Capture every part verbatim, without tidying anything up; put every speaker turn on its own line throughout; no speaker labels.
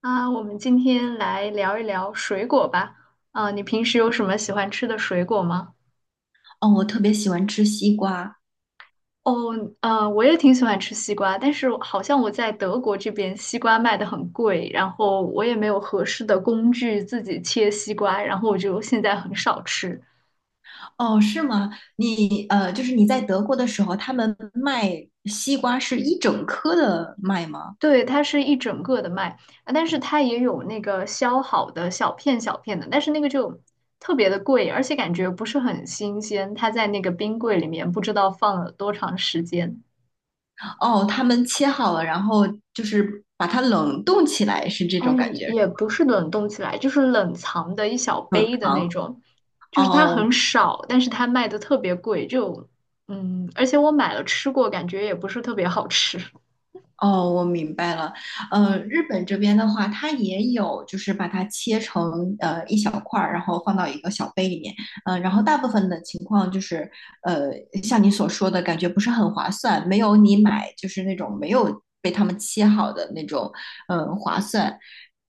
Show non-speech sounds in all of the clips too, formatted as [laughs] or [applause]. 啊，我们今天来聊一聊水果吧。啊，你平时有什么喜欢吃的水果吗？
哦，我特别喜欢吃西瓜。
哦，嗯，我也挺喜欢吃西瓜，但是好像我在德国这边西瓜卖的很贵，然后我也没有合适的工具自己切西瓜，然后我就现在很少吃。
哦，是吗？你呃，就是你在德国的时候，他们卖西瓜是一整颗的卖吗？
对，它是一整个的卖，啊但是它也有那个削好的小片小片的，但是那个就特别的贵，而且感觉不是很新鲜，它在那个冰柜里面不知道放了多长时间。
哦，他们切好了，然后就是把它冷冻起来，是这
哎，
种感觉，
也不是冷冻起来，就是冷藏的一小
冷
杯的
藏。
那种，就
哦，
是它
哦
很少，但是它卖的特别贵，就嗯，而且我买了吃过，感觉也不是特别好吃。
哦，我明白了。呃，日本这边的话，它也有，就是把它切成呃一小块儿，然后放到一个小杯里面。呃，然后大部分的情况就是，呃，像你所说的感觉不是很划算，没有你买就是那种没有被他们切好的那种，呃，划算。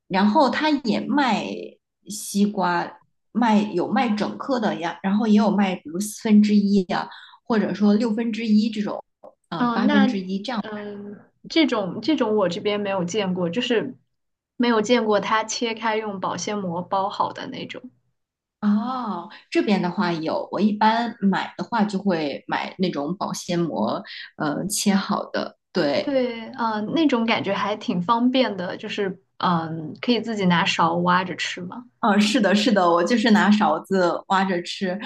然后它也卖西瓜，卖有卖整颗的呀，然后也有卖比如四分之一呀，或者说六分之一这种，呃，
嗯，
八分
那
之一这样。
嗯，这种这种我这边没有见过，就是没有见过它切开用保鲜膜包好的那种。
哦，这边的话有，我一般买的话就会买那种保鲜膜，呃，切好的。对，
对，嗯，那种感觉还挺方便的，就是嗯，可以自己拿勺挖着吃嘛。
哦，是的，是的，我就是拿勺子挖着吃，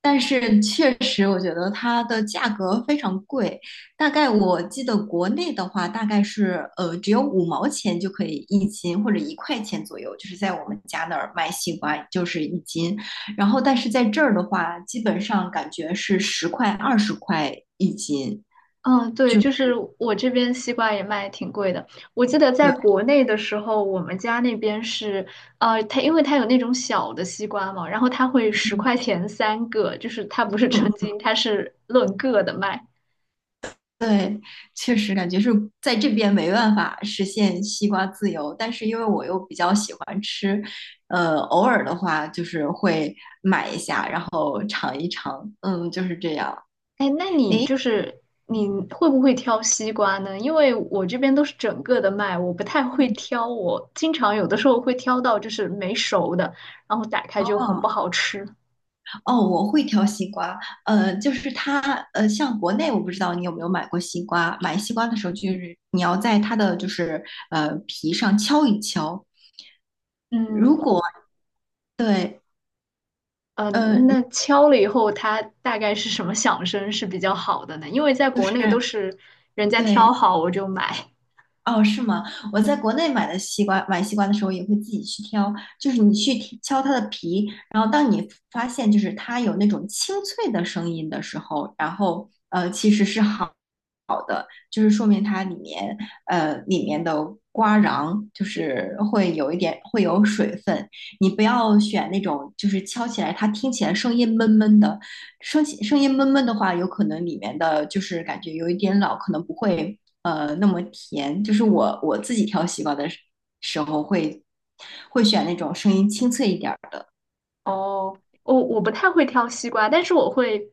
但是确实我觉得它的价格非常贵，大概我记得国内的话大概是呃只有五毛钱就可以一斤，或者一块钱左右，就是在我们家那儿卖西瓜就是一斤，然后但是在这儿的话，基本上感觉是十块、二十块一斤。
嗯，对，就是我这边西瓜也卖挺贵的。我记得在
对，
国内的时候，我们家那边是，呃，它因为它有那种小的西瓜嘛，然后它会十块钱三个，就是它不是称
嗯，
斤，它是论个的卖。
对，确实感觉是在这边没办法实现西瓜自由，但是因为我又比较喜欢吃，呃，偶尔的话就是会买一下，然后尝一尝，嗯，就是这样。
哎，那你就是你会不会挑西瓜呢？因为我这边都是整个的卖，我不太会挑，我经常有的时候会挑到就是没熟的，然后打开就很不
哦，
好吃。
哦，我会挑西瓜，呃，就是它，呃，像国内我不知道你有没有买过西瓜，买西瓜的时候就是你要在它的就是呃皮上敲一敲，
嗯，我
对，
呃，
呃，
那敲了以后，它大概是什么响声是比较好的呢？因为在
就
国
是
内都是人家挑
对，
好我就买，
哦，是吗？我在国内买的西瓜，买西瓜的时候也会自己去挑，就是你去剔敲它的皮，然后当你发现就是它有那种清脆的声音的时候，然后呃，其实是好。就是说明它里面呃里面的瓜瓤就是会有一点会有水分。你不要选那种就是敲起来它听起来声音闷闷的，声起声音闷闷的话，有可能里面的就是感觉有一点老，可能不会呃那么甜。就是我我自己挑西瓜的时时候会会选那种声音清脆一点儿的。
哦，我我不太会挑西瓜，但是我会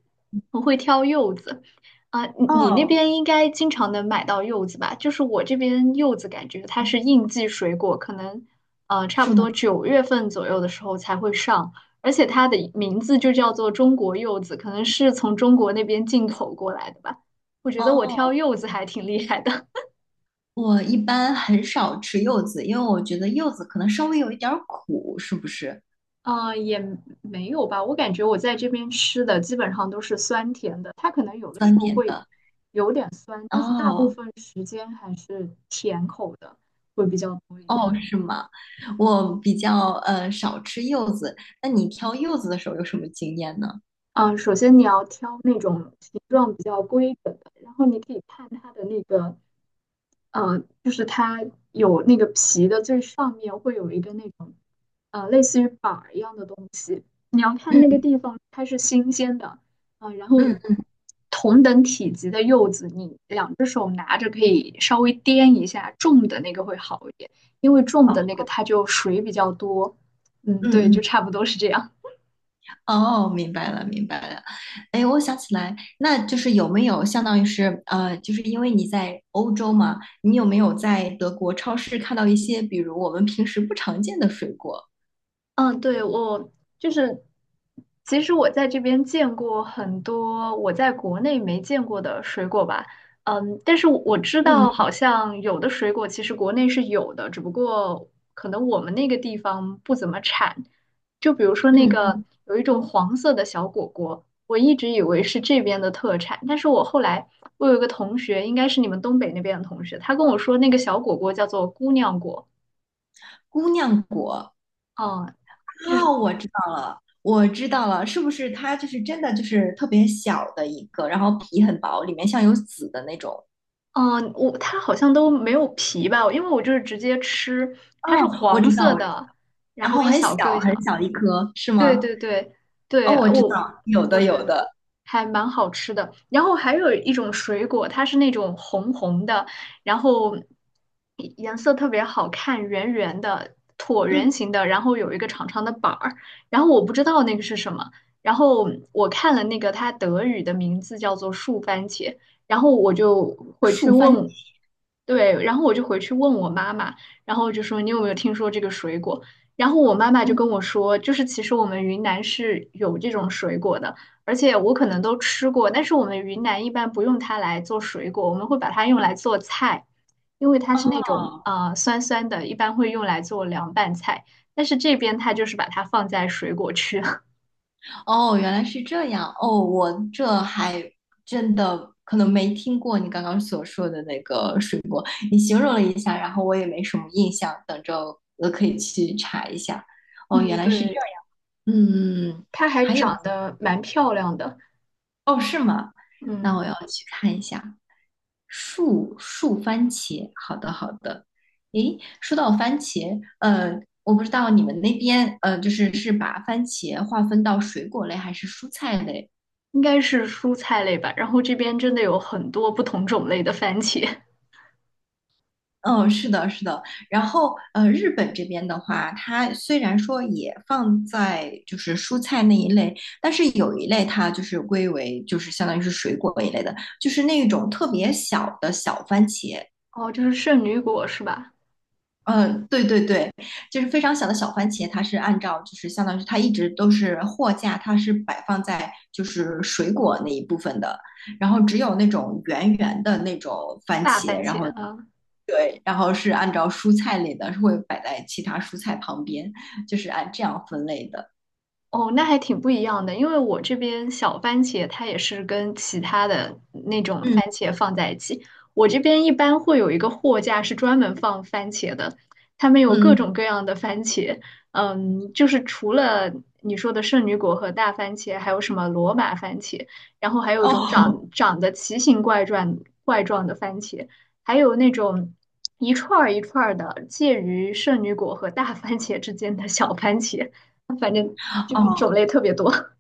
我会挑柚子。啊，你你那
哦，
边应该经常能买到柚子吧？就是我这边柚子感觉它是应季水果，可能呃差
是
不
吗？
多九月份左右的时候才会上，而且它的名字就叫做中国柚子，可能是从中国那边进口过来的吧。我觉得我挑
哦。
柚子还挺厉害的。
我一般很少吃柚子，因为我觉得柚子可能稍微有一点儿苦，是不是
呃，也没有吧。我感觉我在这边吃的基本上都是酸甜的，它可能有的时
酸
候
甜
会
的？
有点酸，但是大部
哦
分时间还是甜口的会比较多一点。
哦，是吗？我比较呃少吃柚子。那你挑柚子的时候有什么经验呢？
嗯、首先你要挑那种形状比较规整的，然后你可以看它的那个呃，就是它有那个皮的最上面会有一个那种呃类似于板儿一样的东西，你要看那个
嗯
地方它是新鲜的，啊、然后
嗯
同等体积的柚子，你两只手拿着可以稍微掂一下，重的那个会好一点，因为重的那个它就水比较多，嗯，对，
嗯
就
嗯，
差不多是这样。
哦，明白了明白了。哎，我想起来，那就是有没有相当于是呃，就是因为你在欧洲嘛，你有没有在德国超市看到一些比如我们平时不常见的水果？
嗯，对，我就是，其实我在这边见过很多我在国内没见过的水果吧，嗯，但是我知
嗯
道好像有的水果其实国内是有的，只不过可能我们那个地方不怎么产。就比如说那
嗯，
个有一种黄色的小果果，我一直以为是这边的特产，但是我后来我有一个同学，应该是你们东北那边的同学，他跟我说那个小果果叫做姑娘果，
姑娘果。
嗯。就
啊，
是
我知道了，我知道了，是不是它就是真的就是特别小的一个，然后皮很薄，里面像有籽的那种？
嗯，我它好像都没有皮吧，因为我就是直接吃，它是
哦，我
黄
知道，
色
我知
的，然
然
后
后
一
很
小个
小
一
很
小
小一颗，是
对
吗？
对对对，
哦，我知
我
道，有
我
的
觉
有
得
的，
还蛮好吃的。然后还有一种水果，它是那种红红的，然后颜色特别好看，圆圆的，椭圆
嗯，
形的，然后有一个长长的板儿。然后我不知道那个是什么，然后我看了那个它德语的名字叫做树番茄，然后我就回去
树番茄，
问，对，然后我就回去问我妈妈，然后就说你有没有听说这个水果？然后我妈妈就
嗯，
跟我说，就是其实我们云南是有这种水果的，而且我可能都吃过，但是我们云南一般不用它来做水果，我们会把它用来做菜，因为它
哦
是那种呃酸酸的，一般会用来做凉拌菜。但是这边它就是把它放在水果区，[laughs]
哦，原来是这样，哦，我这还真的可能没听过你刚刚所说的那个水果，你形容了一下，然后我也没什么印象，等着我可以去查一下。哦，原
嗯，
来是这
对，
样。嗯，嗯嗯
它还
还有
长得蛮漂亮的，
哦，是吗？那
嗯，
我要去看一下。树树番茄，好的好的。诶，说到番茄，呃，我不知道你们那边，呃，就是是把番茄划分到水果类还是蔬菜类？
应该是蔬菜类吧。然后这边真的有很多不同种类的番茄，
嗯，是的，是的。然后，呃，日本这边的话，它虽然说也放在就是蔬菜那一类，但是有一类它就是归为就是相当于是水果一类的，就是那种特别小的小番茄。
哦，就是圣女果是吧？
嗯，对对对，就是非常小的小番茄，它是按照就是相当于是它一直都是货架，它是摆放在就是水果那一部分的，然后只有那种圆圆的那种番
大
茄，
番
然
茄，
后
嗯、
对，然后是按照蔬菜类的，是会摆在其他蔬菜旁边，就是按这样分类的。
哦，那还挺不一样的，因为我这边小番茄它也是跟其他的那种
嗯
番茄放在一起。我这边一般会有一个货架是专门放番茄的，他们有各
嗯，嗯
种各样的番茄，嗯，就是除了你说的圣女果和大番茄，还有什么罗马番茄，然后还有一种长
哦
长得奇形怪状怪状的番茄，还有那种一串儿一串儿的介于圣女果和大番茄之间的小番茄。反正
[laughs]
就是种
哦，
类特别多。[laughs]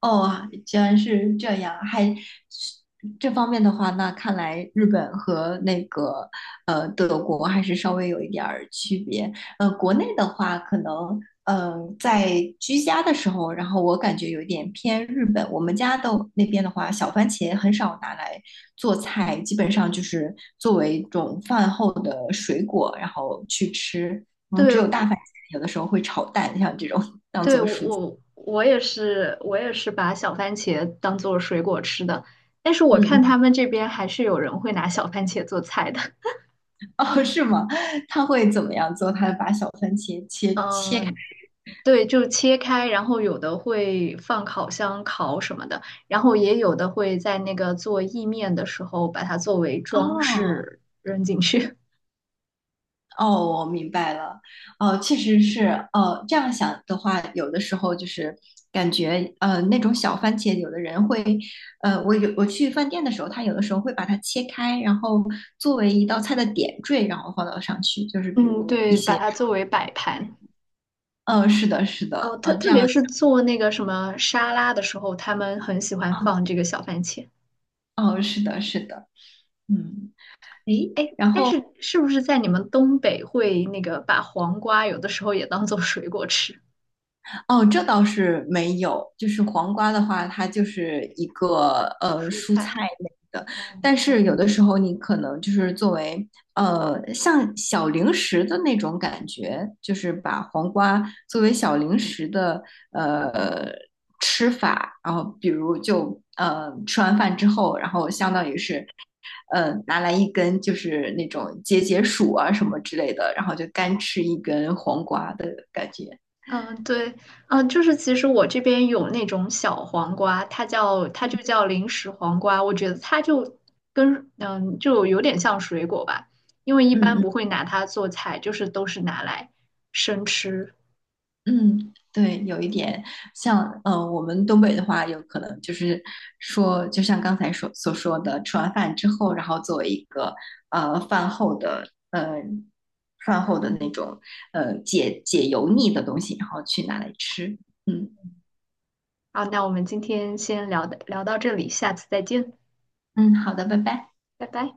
哦，居然是这样，还是这方面的话，那看来日本和那个呃德国还是稍微有一点儿区别。呃，国内的话，可能嗯呃在居家的时候，然后我感觉有一点偏日本。我们家的那边的话，小番茄很少拿来做菜，基本上就是作为一种饭后的水果，然后去吃。嗯，
对，
只有大
我
番茄，有的时候会炒蛋，像这种当
对，
做
我
蔬菜。
我我也是，我也是把小番茄当做水果吃的，但是我
嗯
看
嗯。
他们这边还是有人会拿小番茄做菜的。[laughs]
哦，是吗？他会怎么样做？他把小番茄切切开。
嗯，对，就切开，然后有的会放烤箱烤什么的，然后也有的会在那个做意面的时候把它作为装
哦
饰扔进去。
哦，我明白了。哦，确实是。哦，这样想的话，有的时候就是感觉呃那种小番茄，有的人会呃，我有我去饭店的时候，他有的时候会把它切开，然后作为一道菜的点缀，然后放到上去，就是
[laughs]
比
嗯，
如一
对，
些
把
什
它作为
么。
摆盘。
呃，是的，是
哦，
的。
特
嗯、这
特别
样
是做那个什么沙拉的时候，他们很喜欢放
想。
这个小番茄。
哦，是的，是的。嗯，诶，
哎，
然
但
后。
是是不是在你们东北会那个把黄瓜有的时候也当做水果吃，
哦，这倒是没有。就是黄瓜的话，它就是一个呃
蔬
蔬菜
菜？
类的，
哦，
但是有的时候你可能就是作为呃像小零食的那种感觉，就是把黄瓜作为小零食的呃吃法，然后比如就呃吃完饭之后，然后相当于是呃拿来一根就是那种解解暑啊什么之类的，然后就干吃一根黄瓜的感觉。
嗯，对，嗯，就是其实我这边有那种小黄瓜，它叫它就叫零食黄瓜，我觉得它就跟嗯就有点像水果吧，因为一
嗯
般
嗯。
不会拿它做菜，就是都是拿来生吃。
嗯，对，有一点像，呃，我们东北的话，有可能就是说，就像刚才所所说的，吃完饭之后，然后作为一个呃饭后的呃饭后的那种呃解解油腻的东西，然后去拿来吃。嗯
好，那我们今天先聊的聊到这里，下次再见，
嗯，好的，拜拜。
拜拜。